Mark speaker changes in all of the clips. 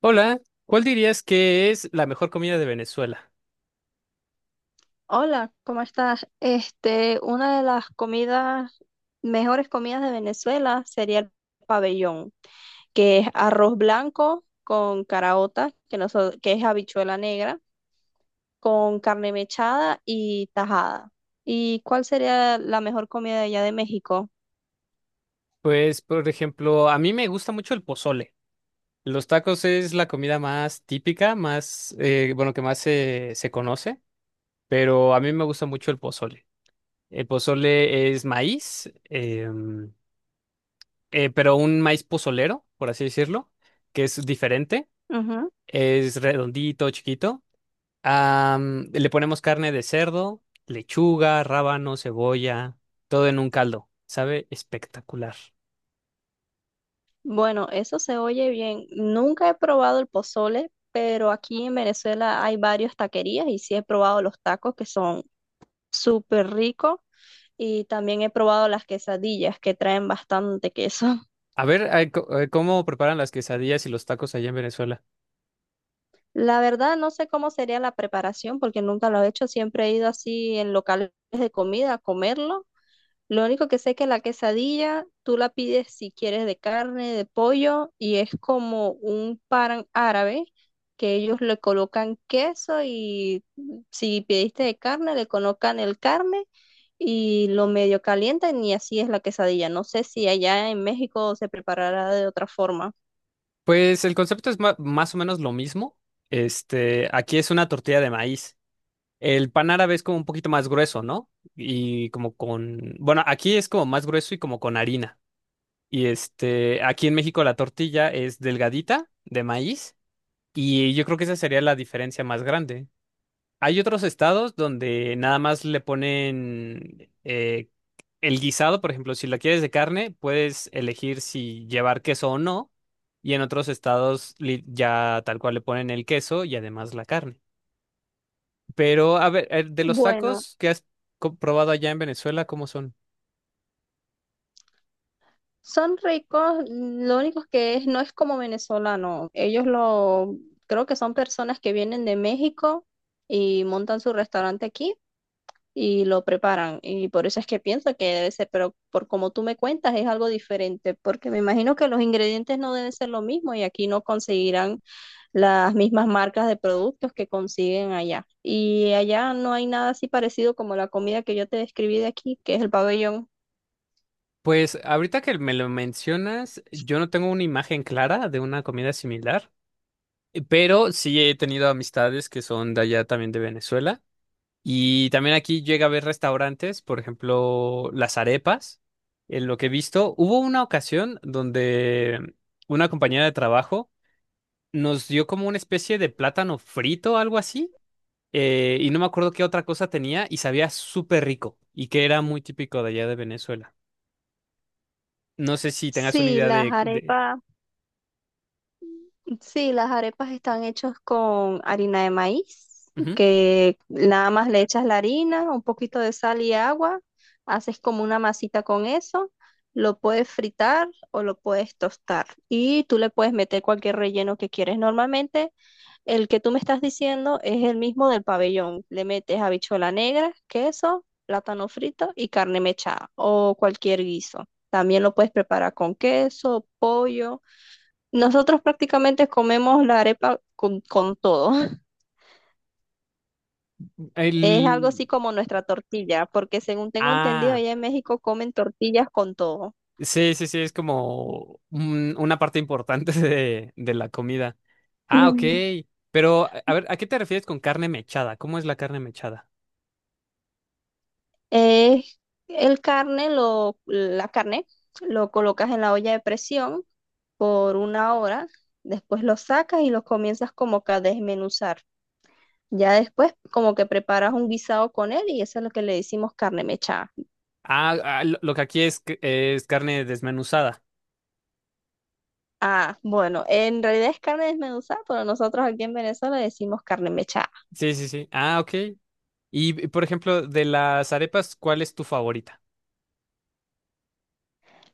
Speaker 1: Hola, ¿cuál dirías que es la mejor comida de Venezuela?
Speaker 2: Hola, ¿cómo estás? Una de las mejores comidas de Venezuela sería el pabellón, que es arroz blanco con caraota, que es habichuela negra, con carne mechada y tajada. ¿Y cuál sería la mejor comida de allá de México?
Speaker 1: Pues, por ejemplo, a mí me gusta mucho el pozole. Los tacos es la comida más típica, más, bueno, que más se conoce, pero a mí me gusta mucho el pozole. El pozole es maíz, pero un maíz pozolero, por así decirlo, que es diferente,
Speaker 2: Ujú.
Speaker 1: es redondito, chiquito. Le ponemos carne de cerdo, lechuga, rábano, cebolla, todo en un caldo. Sabe espectacular.
Speaker 2: Bueno, eso se oye bien. Nunca he probado el pozole, pero aquí en Venezuela hay varias taquerías y sí he probado los tacos que son súper ricos. Y también he probado las quesadillas que traen bastante queso.
Speaker 1: A ver, ay, ¿cómo preparan las quesadillas y los tacos allá en Venezuela?
Speaker 2: La verdad no sé cómo sería la preparación porque nunca lo he hecho, siempre he ido así en locales de comida a comerlo. Lo único que sé es que la quesadilla tú la pides si quieres de carne, de pollo, y es como un pan árabe que ellos le colocan queso y si pidiste de carne, le colocan el carne y lo medio calientan y así es la quesadilla. No sé si allá en México se preparará de otra forma.
Speaker 1: Pues el concepto es más o menos lo mismo. Este, aquí es una tortilla de maíz. El pan árabe es como un poquito más grueso, ¿no? Y como con, bueno, aquí es como más grueso y como con harina. Y este, aquí en México la tortilla es delgadita de maíz y yo creo que esa sería la diferencia más grande. Hay otros estados donde nada más le ponen el guisado, por ejemplo, si la quieres de carne, puedes elegir si llevar queso o no, y en otros estados ya tal cual le ponen el queso y además la carne. Pero, a ver, de los
Speaker 2: Bueno,
Speaker 1: tacos que has probado allá en Venezuela, ¿cómo son?
Speaker 2: son ricos, lo único que es, no es como venezolano. Creo que son personas que vienen de México y montan su restaurante aquí y lo preparan. Y por eso es que pienso que debe ser, pero por como tú me cuentas es algo diferente, porque me imagino que los ingredientes no deben ser lo mismo y aquí no conseguirán las mismas marcas de productos que consiguen allá. Y allá no hay nada así parecido como la comida que yo te describí de aquí, que es el pabellón.
Speaker 1: Pues ahorita que me lo mencionas, yo no tengo una imagen clara de una comida similar, pero sí he tenido amistades que son de allá también de Venezuela. Y también aquí llega a haber restaurantes, por ejemplo, las arepas. En lo que he visto, hubo una ocasión donde una compañera de trabajo nos dio como una especie de plátano frito, algo así, y no me acuerdo qué otra cosa tenía y sabía súper rico y que era muy típico de allá de Venezuela. No sé si tengas una
Speaker 2: Sí,
Speaker 1: idea
Speaker 2: las
Speaker 1: de.
Speaker 2: arepas. Sí, las arepas están hechas con harina de maíz,
Speaker 1: Ujú.
Speaker 2: que nada más le echas la harina, un poquito de sal y agua, haces como una masita con eso, lo puedes fritar o lo puedes tostar y tú le puedes meter cualquier relleno que quieres. Normalmente el que tú me estás diciendo es el mismo del pabellón. Le metes habichuela negra, queso, plátano frito y carne mechada o cualquier guiso. También lo puedes preparar con queso, pollo. Nosotros prácticamente comemos la arepa con todo. Es algo
Speaker 1: El...
Speaker 2: así como nuestra tortilla, porque según tengo entendido,
Speaker 1: Ah.
Speaker 2: allá en México comen tortillas con todo.
Speaker 1: Sí, sí, sí, es como una parte importante de la comida. Ah, ok.
Speaker 2: Mm.
Speaker 1: Pero, a ver, ¿a qué te refieres con carne mechada? ¿Cómo es la carne mechada?
Speaker 2: Es la carne, lo colocas en la olla de presión por una hora, después lo sacas y lo comienzas como que a desmenuzar. Ya después como que preparas un guisado con él y eso es lo que le decimos carne mechada.
Speaker 1: Ah, ah, lo que aquí es, es carne desmenuzada.
Speaker 2: Ah, bueno, en realidad es carne desmenuzada, pero nosotros aquí en Venezuela decimos carne mechada.
Speaker 1: Sí, sí, sí. Ah, ok. Y, por ejemplo, de las arepas, ¿cuál es tu favorita?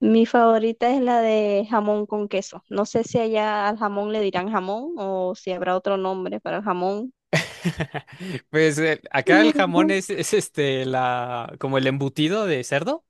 Speaker 2: Mi favorita es la de jamón con queso. No sé si allá al jamón le dirán jamón o si habrá otro nombre para el jamón.
Speaker 1: Pues acá el jamón es, es este, la, como el embutido de cerdo,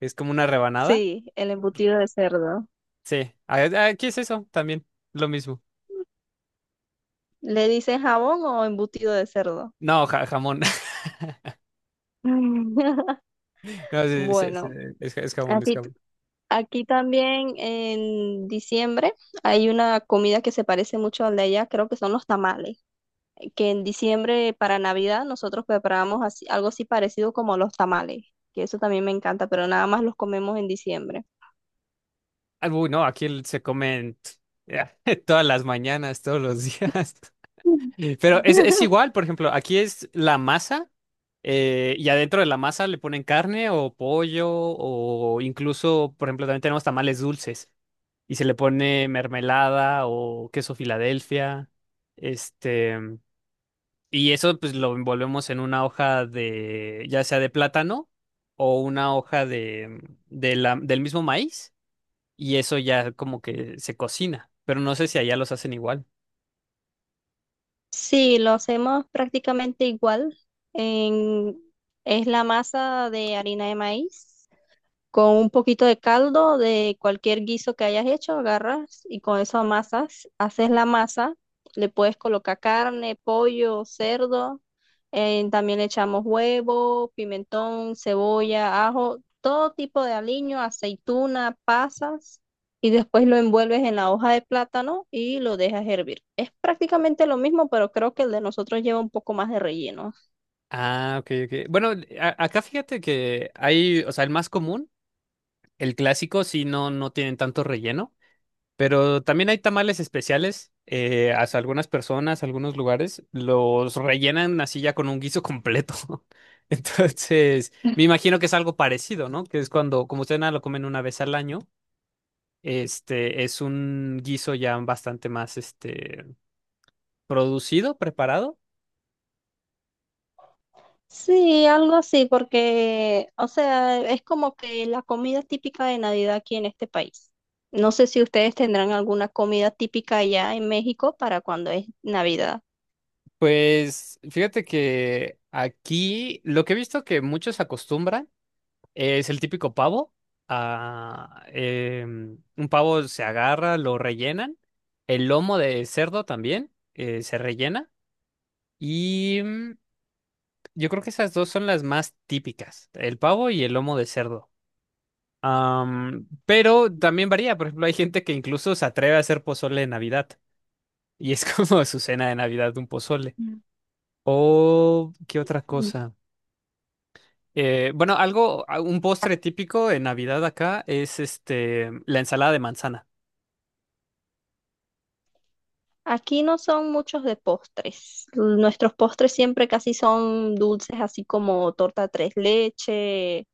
Speaker 1: es como una rebanada.
Speaker 2: Sí, el embutido de cerdo.
Speaker 1: Sí, aquí es eso también, lo mismo.
Speaker 2: ¿Le dicen jamón o embutido de cerdo?
Speaker 1: No, jamón. No, sí, sí, sí,
Speaker 2: Bueno,
Speaker 1: es, es jamón, es
Speaker 2: aquí, t-
Speaker 1: jamón.
Speaker 2: aquí también en diciembre hay una comida que se parece mucho al de allá, creo que son los tamales, que en diciembre para Navidad nosotros preparamos así- algo así parecido como los tamales, que eso también me encanta, pero nada más los comemos en diciembre.
Speaker 1: Ah, uy, no, aquí se comen todas las mañanas, todos los días. Pero es igual, por ejemplo, aquí es la masa y adentro de la masa le ponen carne o pollo o incluso, por ejemplo, también tenemos tamales dulces y se le pone mermelada o queso Filadelfia. Este, y eso pues lo envolvemos en una hoja de, ya sea de plátano o una hoja de del mismo maíz y eso ya como que se cocina, pero no sé si allá los hacen igual.
Speaker 2: Sí, lo hacemos prácticamente igual. En- es la masa de harina de maíz. Con un poquito de caldo de cualquier guiso que hayas hecho, agarras y con eso amasas, haces la masa, le puedes colocar carne, pollo, cerdo, también le echamos huevo, pimentón, cebolla, ajo, todo tipo de aliño, aceituna, pasas, y después lo envuelves en la hoja de plátano y lo dejas hervir. Es prácticamente lo mismo, pero creo que el de nosotros lleva un poco más de relleno.
Speaker 1: Ah, ok, ok. Bueno, acá fíjate que hay, o sea, el más común, el clásico, sí, no, no tienen tanto relleno, pero también hay tamales especiales. Hasta algunas personas, algunos lugares, los rellenan así ya con un guiso completo. Entonces, me imagino que es algo parecido, ¿no? Que es cuando, como ustedes nada lo comen una vez al año, este es un guiso ya bastante más, este, producido, preparado.
Speaker 2: Sí, algo así, porque, o sea, es como que la comida típica de Navidad aquí en este país. No sé si ustedes tendrán alguna comida típica allá en México para cuando es Navidad.
Speaker 1: Pues fíjate que aquí lo que he visto que muchos acostumbran es el típico pavo. Un pavo se agarra, lo rellenan. El lomo de cerdo también se rellena. Y yo creo que esas dos son las más típicas, el pavo y el lomo de cerdo. Pero también varía, por ejemplo, hay gente que incluso se atreve a hacer pozole de Navidad. Y es como su cena de Navidad, un pozole.
Speaker 2: Mm.
Speaker 1: O, ¿qué otra
Speaker 2: Mm.
Speaker 1: cosa? Bueno, algo, un postre típico en Navidad acá es este, la ensalada de manzana.
Speaker 2: Aquí no son muchos de postres. Nuestros postres siempre casi son dulces, así como torta tres leche,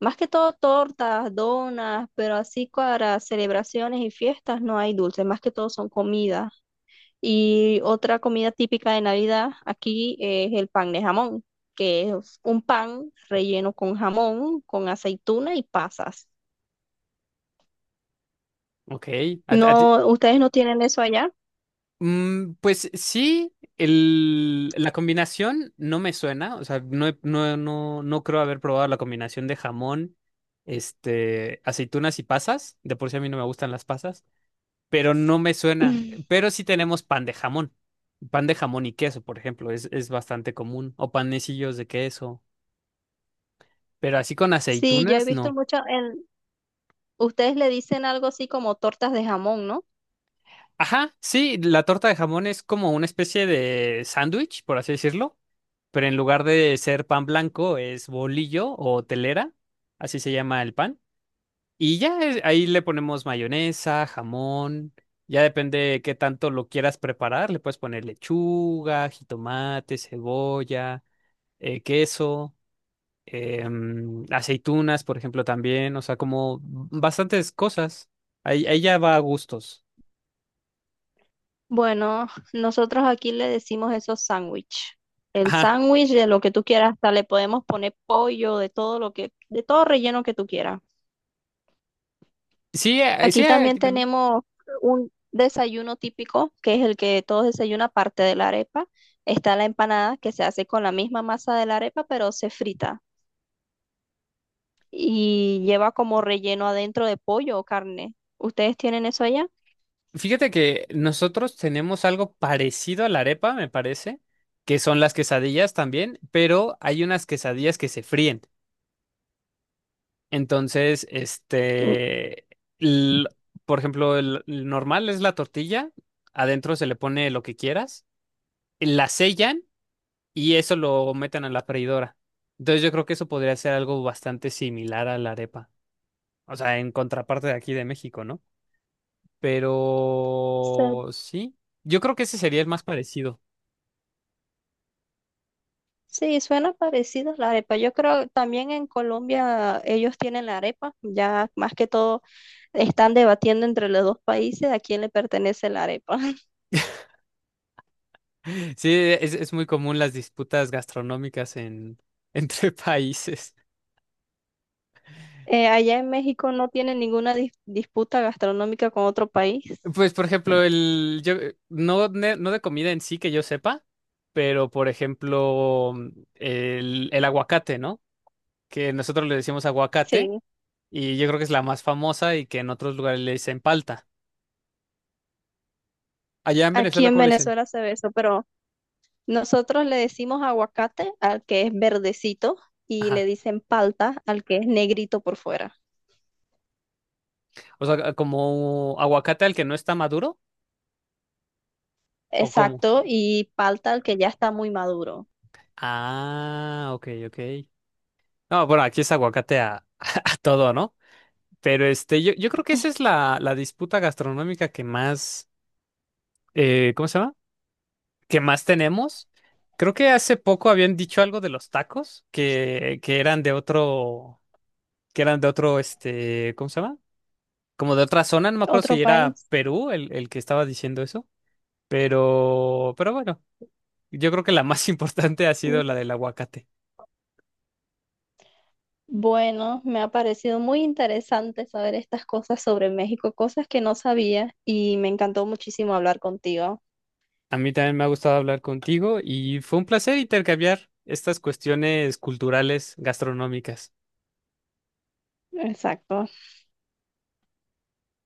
Speaker 2: más que todo tortas, donas, pero así para celebraciones y fiestas no hay dulces, más que todo son comidas. Y otra comida típica de Navidad aquí es el pan de jamón, que es un pan relleno con jamón, con aceituna y pasas.
Speaker 1: Ok. A- a ti-
Speaker 2: No, ustedes no tienen eso allá.
Speaker 1: pues sí, el, la combinación no me suena. O sea, no, no, no, no creo haber probado la combinación de jamón, este, aceitunas y pasas. De por sí a mí no me gustan las pasas, pero no me suena. Pero sí tenemos pan de jamón. Pan de jamón y queso, por ejemplo, es bastante común. O panecillos de queso. Pero así con
Speaker 2: Sí, yo he
Speaker 1: aceitunas,
Speaker 2: visto
Speaker 1: no.
Speaker 2: mucho en, ustedes le dicen algo así como tortas de jamón, ¿no?
Speaker 1: Ajá, sí, la torta de jamón es como una especie de sándwich, por así decirlo, pero en lugar de ser pan blanco es bolillo o telera, así se llama el pan. Y ya ahí le ponemos mayonesa, jamón, ya depende qué tanto lo quieras preparar, le puedes poner lechuga, jitomate, cebolla, queso, aceitunas, por ejemplo, también, o sea, como bastantes cosas. Ahí, ahí ya va a gustos.
Speaker 2: Bueno, nosotros aquí le decimos eso sándwich. El
Speaker 1: Ajá.
Speaker 2: sándwich de lo que tú quieras, hasta le podemos poner pollo, de todo lo que, de todo relleno que tú quieras.
Speaker 1: Sí, sí,
Speaker 2: Aquí también
Speaker 1: aquí también.
Speaker 2: tenemos un desayuno típico, que es el que todos desayunan aparte de la arepa. Está la empanada, que se hace con la misma masa de la arepa, pero se frita y lleva como relleno adentro de pollo o carne. ¿Ustedes tienen eso allá?
Speaker 1: Fíjate que nosotros tenemos algo parecido a la arepa, me parece, que son las quesadillas también, pero hay unas quesadillas que se fríen. Entonces,
Speaker 2: Mm,
Speaker 1: este, l- por ejemplo, el, normal es la tortilla, adentro se le pone lo que quieras, la sellan y eso lo meten a la freidora. Entonces, yo creo que eso podría ser algo bastante similar a la arepa, o sea, en contraparte de aquí de México, ¿no?
Speaker 2: se-
Speaker 1: Pero sí, yo creo que ese sería el más parecido.
Speaker 2: Sí, suena parecido a la arepa. Yo creo también en Colombia ellos tienen la arepa. Ya más que todo están debatiendo entre los dos países a quién le pertenece la arepa.
Speaker 1: Sí, es muy común las disputas gastronómicas en, entre países.
Speaker 2: Allá en México no tienen ninguna disputa gastronómica con otro país.
Speaker 1: Pues, por ejemplo, el, yo, no, no de comida en sí que yo sepa, pero, por ejemplo, el aguacate, ¿no? Que nosotros le decimos aguacate
Speaker 2: Sí.
Speaker 1: y yo creo que es la más famosa y que en otros lugares le dicen palta. Allá en
Speaker 2: Aquí
Speaker 1: Venezuela,
Speaker 2: en
Speaker 1: ¿cómo le dicen?
Speaker 2: Venezuela se ve eso, pero nosotros le decimos aguacate al que es verdecito y le
Speaker 1: Ajá.
Speaker 2: dicen palta al que es negrito por fuera.
Speaker 1: O sea, como aguacate al que no está maduro o cómo.
Speaker 2: Exacto, y palta al que ya está muy maduro.
Speaker 1: Ah, ok, ok. No, bueno, aquí es aguacate a, a todo, ¿no? Pero este, yo creo que esa es la, la disputa gastronómica que más, ¿cómo se llama? Que más tenemos. Creo que hace poco habían dicho algo de los tacos que eran de otro, que eran de otro, este, ¿cómo se llama? Como de otra zona, no me acuerdo
Speaker 2: Otro
Speaker 1: si era
Speaker 2: país.
Speaker 1: Perú el, que estaba diciendo eso, pero bueno, yo creo que la más importante ha
Speaker 2: Mm.
Speaker 1: sido la del aguacate.
Speaker 2: Bueno, me ha parecido muy interesante saber estas cosas sobre México, cosas que no sabía y me encantó muchísimo hablar contigo.
Speaker 1: A mí también me ha gustado hablar contigo y fue un placer intercambiar estas cuestiones culturales gastronómicas.
Speaker 2: Exacto.